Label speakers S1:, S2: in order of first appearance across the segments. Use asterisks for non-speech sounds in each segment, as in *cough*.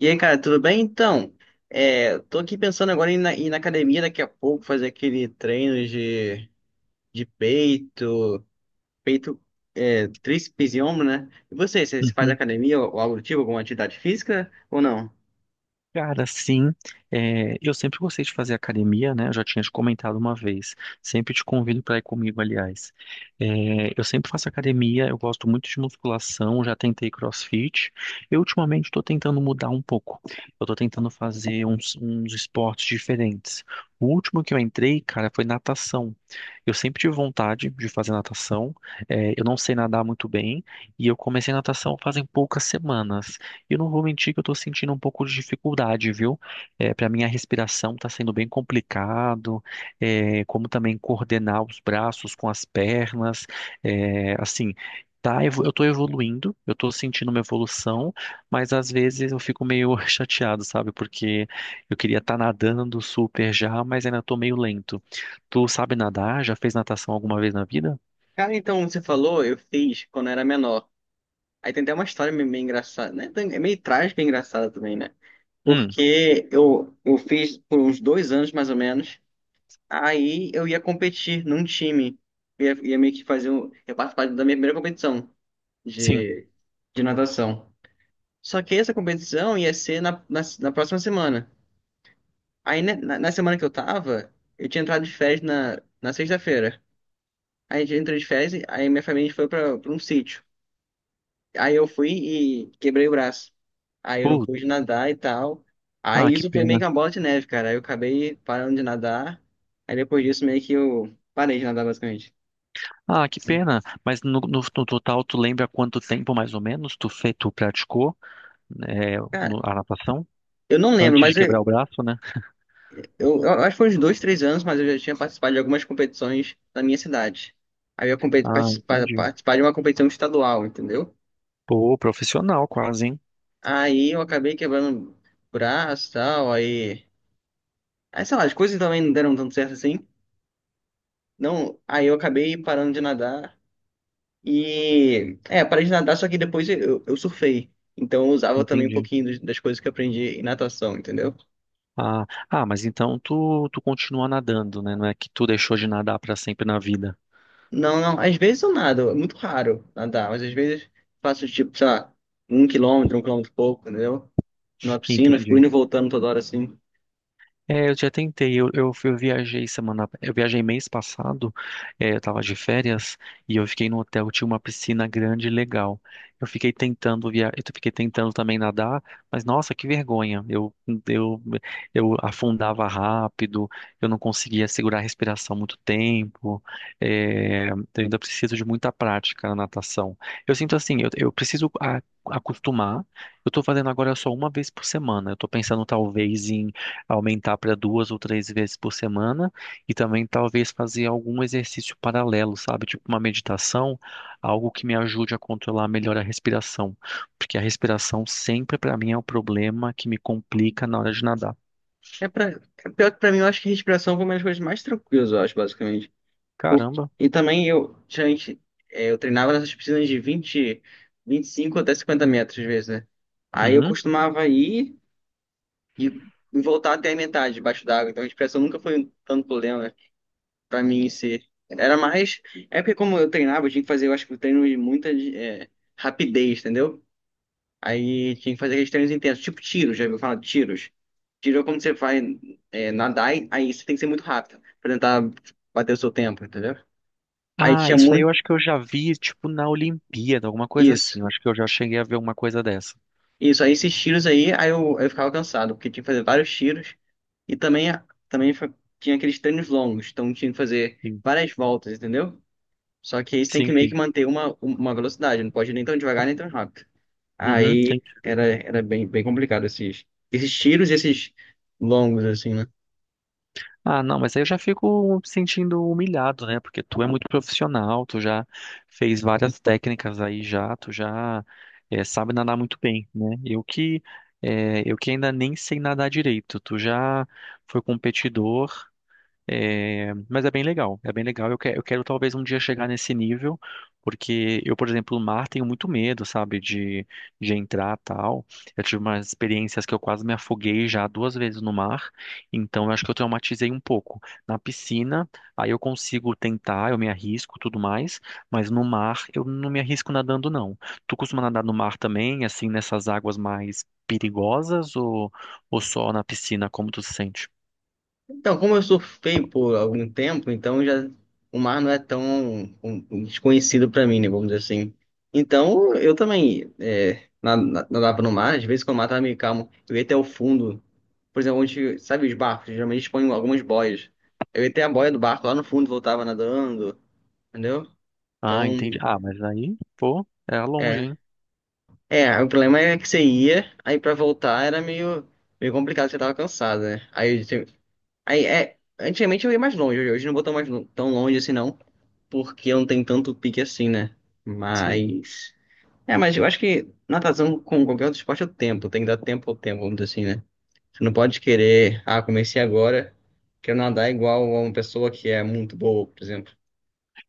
S1: E aí, cara, tudo bem? Então, tô aqui pensando agora em ir na academia daqui a pouco, fazer aquele treino de peito, peito, tríceps e ombro, né? E você faz
S2: Uhum.
S1: academia ou algo do tipo, alguma atividade física ou não?
S2: Cara, sim, eu sempre gostei de fazer academia, né? Eu já tinha te comentado uma vez. Sempre te convido para ir comigo, aliás. É, eu sempre faço academia, eu gosto muito de musculação, já tentei CrossFit. Eu ultimamente estou tentando mudar um pouco. Eu estou tentando fazer uns esportes diferentes. O último que eu entrei, cara, foi natação. Eu sempre tive vontade de fazer natação. Eu não sei nadar muito bem e eu comecei natação fazem poucas semanas. E não vou mentir que eu tô sentindo um pouco de dificuldade, viu? É, para mim a respiração tá sendo bem complicado, como também coordenar os braços com as pernas, é, assim, tá, eu tô evoluindo, eu tô sentindo uma evolução, mas às vezes eu fico meio *laughs* chateado, sabe? Porque eu queria estar nadando super já, mas ainda tô meio lento. Tu sabe nadar? Já fez natação alguma vez na vida?
S1: Cara, então, você falou, eu fiz quando eu era menor. Aí tem até uma história meio engraçada, né? É meio trágica e engraçada também, né?
S2: Hum,
S1: Porque eu fiz por uns 2 anos, mais ou menos. Aí eu ia competir num time. Ia meio que fazer um. Ia participar da minha primeira competição
S2: sim.
S1: de, de natação. Só que essa competição ia ser na próxima semana. Aí né, na semana que eu tava, eu tinha entrado de férias na sexta-feira. Aí a gente entrou de férias, aí minha família foi pra um sítio. Aí eu fui e quebrei o braço. Aí eu não pude
S2: Putz,
S1: nadar e tal.
S2: ah,
S1: Aí
S2: que
S1: isso foi meio
S2: pena.
S1: que uma bola de neve, cara. Aí eu acabei parando de nadar. Aí depois disso meio que eu parei de nadar basicamente.
S2: Ah, que pena. Mas no total, tu lembra quanto tempo mais ou menos tu, tu praticou
S1: Cara,
S2: a natação?
S1: eu não lembro,
S2: Antes de
S1: mas eu,
S2: quebrar o braço, né?
S1: eu, eu acho que foi uns dois, 3 anos, mas eu já tinha participado de algumas competições na minha cidade. Aí eu
S2: Ah, entendi.
S1: participar de uma competição estadual, entendeu?
S2: Pô, profissional quase, hein?
S1: Aí eu acabei quebrando braço e tal. Aí, Aí, sei lá, as coisas também não deram tanto certo assim. Não, aí eu acabei parando de nadar. E... É, parei de nadar, só que depois eu surfei. Então eu usava também um
S2: Entendi.
S1: pouquinho das coisas que eu aprendi em natação, entendeu?
S2: Ah, ah, mas então tu, tu continua nadando, né? Não é que tu deixou de nadar pra sempre na vida.
S1: Não, não. Às vezes eu nado, é muito raro nadar, mas às vezes faço tipo, sei lá, 1 quilômetro, 1 quilômetro e pouco, entendeu? Na piscina, fico
S2: Entendi.
S1: indo e voltando toda hora assim.
S2: É, eu já tentei, eu viajei semana, eu viajei mês passado, eu tava de férias e eu fiquei no hotel, tinha uma piscina grande e legal. Eu fiquei tentando também nadar, mas nossa, que vergonha. Eu, eu afundava rápido, eu não conseguia segurar a respiração muito tempo. Eu ainda preciso de muita prática na natação. Eu sinto assim, eu preciso acostumar. Eu tô fazendo agora só uma vez por semana. Eu tô pensando talvez aumentar para duas ou três vezes por semana e também talvez fazer algum exercício paralelo, sabe? Tipo uma meditação, algo que me ajude a controlar melhor a respiração, porque a respiração sempre para mim é o problema que me complica na hora de nadar.
S1: É pra... é Pior que pra mim, eu acho que respiração foi uma das coisas mais tranquilas, eu acho, basicamente.
S2: Caramba.
S1: E também eu, gente, eu treinava nessas piscinas de 20, 25 até 50 metros, às vezes, né? Aí eu
S2: Uhum.
S1: costumava ir e e voltar até a metade debaixo d'água, então a respiração nunca foi um tanto problema, né? Pra mim ser. Era mais. É porque como eu treinava, eu tinha que fazer, eu acho que o treino de muita rapidez, entendeu? Aí tinha que fazer aqueles treinos intensos, tipo tiros, já viu falar de tiros? Tiro é quando você vai nadar, aí você tem que ser muito rápido pra tentar bater o seu tempo, entendeu? Aí
S2: Ah,
S1: tinha
S2: isso aí
S1: muito.
S2: eu acho que eu já vi, tipo, na Olimpíada, alguma coisa
S1: Isso.
S2: assim. Eu acho que eu já cheguei a ver uma coisa dessa.
S1: Isso, aí esses tiros aí eu ficava cansado, porque tinha que fazer vários tiros. E também tinha aqueles treinos longos, então tinha que fazer
S2: Sim,
S1: várias voltas, entendeu? Só que aí você tem
S2: sim,
S1: que meio que
S2: sim.
S1: manter uma velocidade, não pode nem tão devagar nem tão rápido.
S2: Uhum.
S1: Aí era bem complicado esses tiros e esses longos, assim, né?
S2: Ah, não, mas aí eu já fico sentindo humilhado, né? Porque tu é muito profissional, tu já fez várias técnicas aí já, tu já sabe nadar muito bem, né? Eu que eu que ainda nem sei nadar direito, tu já foi competidor, é, mas é bem legal, é bem legal. Eu quero talvez um dia chegar nesse nível, porque eu, por exemplo, no mar tenho muito medo, sabe, de entrar tal. Eu tive umas experiências que eu quase me afoguei já duas vezes no mar, então eu acho que eu traumatizei um pouco. Na piscina, aí eu consigo tentar, eu me arrisco, tudo mais, mas no mar eu não me arrisco nadando, não. Tu costuma nadar no mar também, assim, nessas águas mais perigosas ou só na piscina, como tu se sente?
S1: Então, como eu surfei por algum tempo, então já o mar não é tão um desconhecido para mim, né? Vamos dizer assim. Então, eu também nadava no mar, às vezes quando o mar tava meio calmo, eu ia até o fundo. Por exemplo, onde, sabe os barcos? Geralmente eles põem algumas boias. Eu ia até a boia do barco lá no fundo, voltava nadando, entendeu?
S2: Ah, entendi.
S1: Então.
S2: Ah, mas aí, pô, era longe,
S1: É,
S2: hein?
S1: o problema é que você ia, aí pra voltar era meio complicado, você tava cansado, né? Aí, antigamente eu ia mais longe, hoje não vou tão, mais, tão longe assim não, porque eu não tenho tanto pique assim, né?
S2: Sim.
S1: Mas, mas eu acho que natação com qualquer outro esporte é o tempo, tem que dar tempo ao tempo, vamos dizer assim, né? Você não pode querer, ah, comecei agora, quero nadar igual a uma pessoa que é muito boa, por exemplo.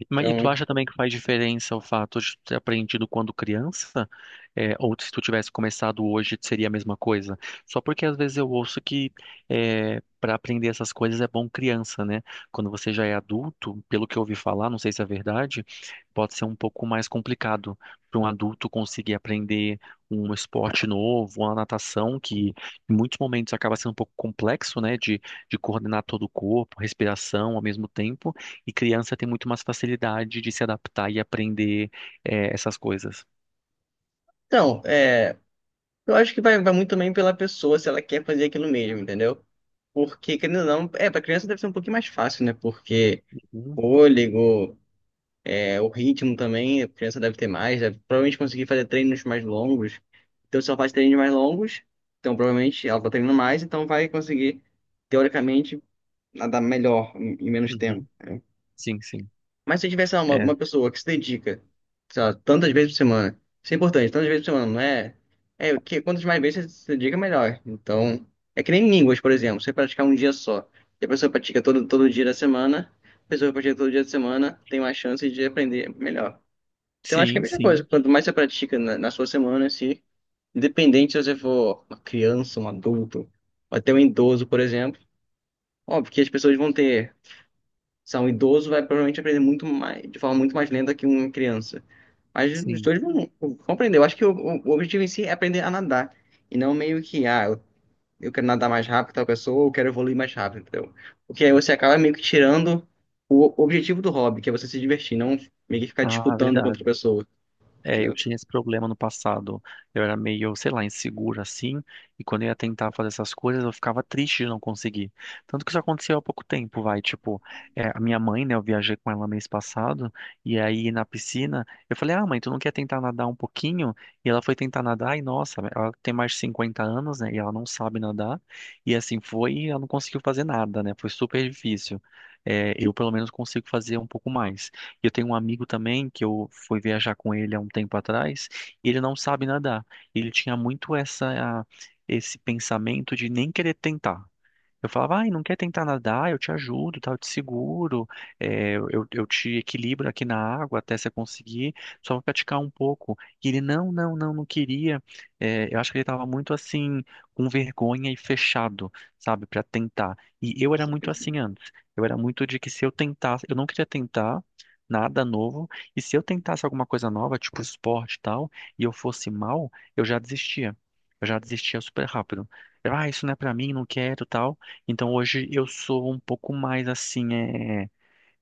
S2: Mas, e
S1: Então,
S2: tu acha também que faz diferença o fato de tu ter aprendido quando criança? É, ou se tu tivesse começado hoje, seria a mesma coisa? Só porque às vezes eu ouço que para aprender essas coisas é bom criança, né? Quando você já é adulto, pelo que eu ouvi falar, não sei se é verdade, pode ser um pouco mais complicado para um adulto conseguir aprender um esporte novo, uma natação, que em muitos momentos acaba sendo um pouco complexo, né? De coordenar todo o corpo, respiração ao mesmo tempo. E criança tem muito mais facilidade de se adaptar e aprender essas coisas.
S1: então. Eu acho que vai muito também pela pessoa, se ela quer fazer aquilo mesmo, entendeu? Porque, querendo ou não, pra criança deve ser um pouquinho mais fácil, né? Porque
S2: Uhum,
S1: fôlego, o ritmo também, a criança deve ter mais, deve provavelmente conseguir fazer treinos mais longos. Então, se ela faz treinos mais longos, então provavelmente ela tá treinando mais, então vai conseguir, teoricamente, nadar melhor em menos
S2: uhum.
S1: tempo.
S2: Sim, sim.
S1: Mas se eu tivesse sei lá, uma,
S2: É.
S1: uma pessoa que se dedica, sei lá, tantas vezes por semana, isso é importante, tantas vezes por semana, não é? É, que quantas mais vezes você se dedica, melhor. Então, é que nem línguas, por exemplo, você praticar um dia só, e a pessoa pratica todo, todo dia da semana, a pessoa que pratica todo dia da semana tem mais chance de aprender melhor. Então, acho que é a
S2: Sim,
S1: mesma coisa,
S2: sim,
S1: quanto mais você pratica na sua semana, se, independente se você for uma criança, um adulto, ou até um idoso, por exemplo, óbvio que as pessoas vão ter. Se é um idoso, vai provavelmente aprender muito mais, de forma muito mais lenta que uma criança. Mas os
S2: sim.
S1: dois vão compreender. Eu acho que o objetivo em si é aprender a nadar. E não meio que, ah, eu quero nadar mais rápido que tal pessoa, ou eu quero evoluir mais rápido, entendeu? Porque aí você acaba meio que tirando o objetivo do hobby, que é você se divertir, não meio que ficar
S2: Ah,
S1: disputando com outra
S2: verdade.
S1: pessoa.
S2: É, eu tinha
S1: Entendeu?
S2: esse problema no passado. Eu era meio, sei lá, inseguro assim, e quando eu ia tentar fazer essas coisas, eu ficava triste de não conseguir. Tanto que isso aconteceu há pouco tempo, vai, tipo, é, a minha mãe, né, eu viajei com ela mês passado, e aí na piscina, eu falei: "Ah, mãe, tu não quer tentar nadar um pouquinho?" E ela foi tentar nadar, e nossa, ela tem mais de 50 anos, né, e ela não sabe nadar. E assim foi, e ela não conseguiu fazer nada, né? Foi super difícil. É, eu pelo menos consigo fazer um pouco mais. E eu tenho um amigo também que eu fui viajar com ele há um tempo atrás, e ele não sabe nadar. Ele tinha muito essa esse pensamento de nem querer tentar. Eu falava, ai, não quer tentar nadar? Eu te ajudo, tá? Eu te seguro, eu te equilibro aqui na água até você conseguir, só vou praticar um pouco. E ele, não, não, não, não queria. É, eu acho que ele estava muito assim, com vergonha e fechado, sabe, para tentar. E eu era muito assim antes. Eu era muito de que se eu tentasse, eu não queria tentar nada novo, e se eu tentasse alguma coisa nova, tipo esporte e tal, e eu fosse mal, eu já desistia. Eu já desistia super rápido. Eu, ah, isso não é pra mim, não quero, tal. Então hoje eu sou um pouco mais assim,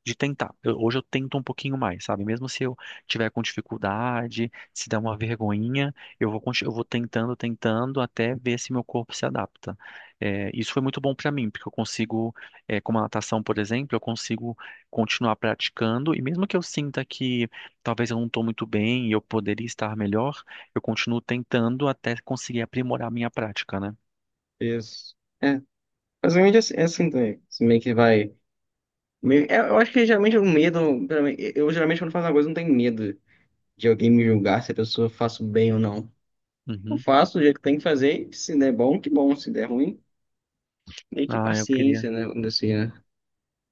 S2: de tentar. Hoje eu tento um pouquinho mais, sabe? Mesmo se eu tiver com dificuldade, se der uma vergonhinha, eu vou tentando, tentando até ver se meu corpo se adapta. É, isso foi muito bom para mim, porque eu consigo, é, como a natação, por exemplo, eu consigo continuar praticando e mesmo que eu sinta que talvez eu não estou muito bem e eu poderia estar melhor, eu continuo tentando até conseguir aprimorar a minha prática, né?
S1: Isso. É, basicamente é assim também. Você meio que vai. Eu acho que geralmente o medo. Pelo menos, eu geralmente quando faço uma coisa eu não tenho medo de alguém me julgar se a pessoa faço bem ou não. Eu
S2: Uhum.
S1: faço do jeito que tem que fazer, e se der bom, que bom, se der ruim, nem que
S2: Ah, eu queria.
S1: paciência, né? Vamos dizer assim, né?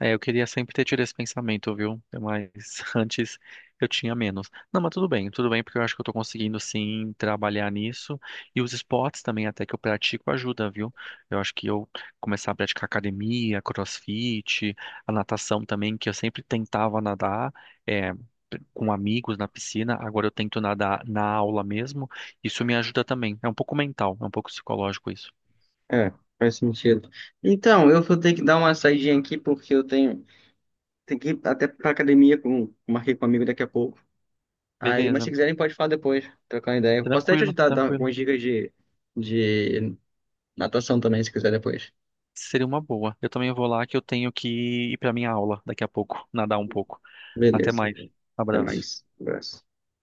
S2: É, eu queria sempre ter tido esse pensamento, viu? Mas *laughs* antes eu tinha menos. Não, mas tudo bem, porque eu acho que eu tô conseguindo sim trabalhar nisso. E os esportes também, até que eu pratico, ajuda, viu? Eu acho que eu começar a praticar academia, crossfit, a natação também, que eu sempre tentava nadar, é, com amigos na piscina, agora eu tento nadar na aula mesmo. Isso me ajuda também. É um pouco mental, é um pouco psicológico isso.
S1: É, faz sentido. Então, eu vou ter que dar uma saidinha aqui, porque eu tenho que ir até pra academia, com, marquei com um amigo daqui a pouco. Aí, mas se
S2: Beleza,
S1: quiserem, pode falar depois, trocar uma ideia. Eu posso até te
S2: tranquilo,
S1: ajudar, dar
S2: tranquilo.
S1: algumas dicas de natação também, se quiser depois.
S2: Seria uma boa. Eu também vou lá que eu tenho que ir para minha aula daqui a pouco, nadar um pouco. Até
S1: Beleza.
S2: mais.
S1: Até
S2: Abraço.
S1: mais. Um abraço.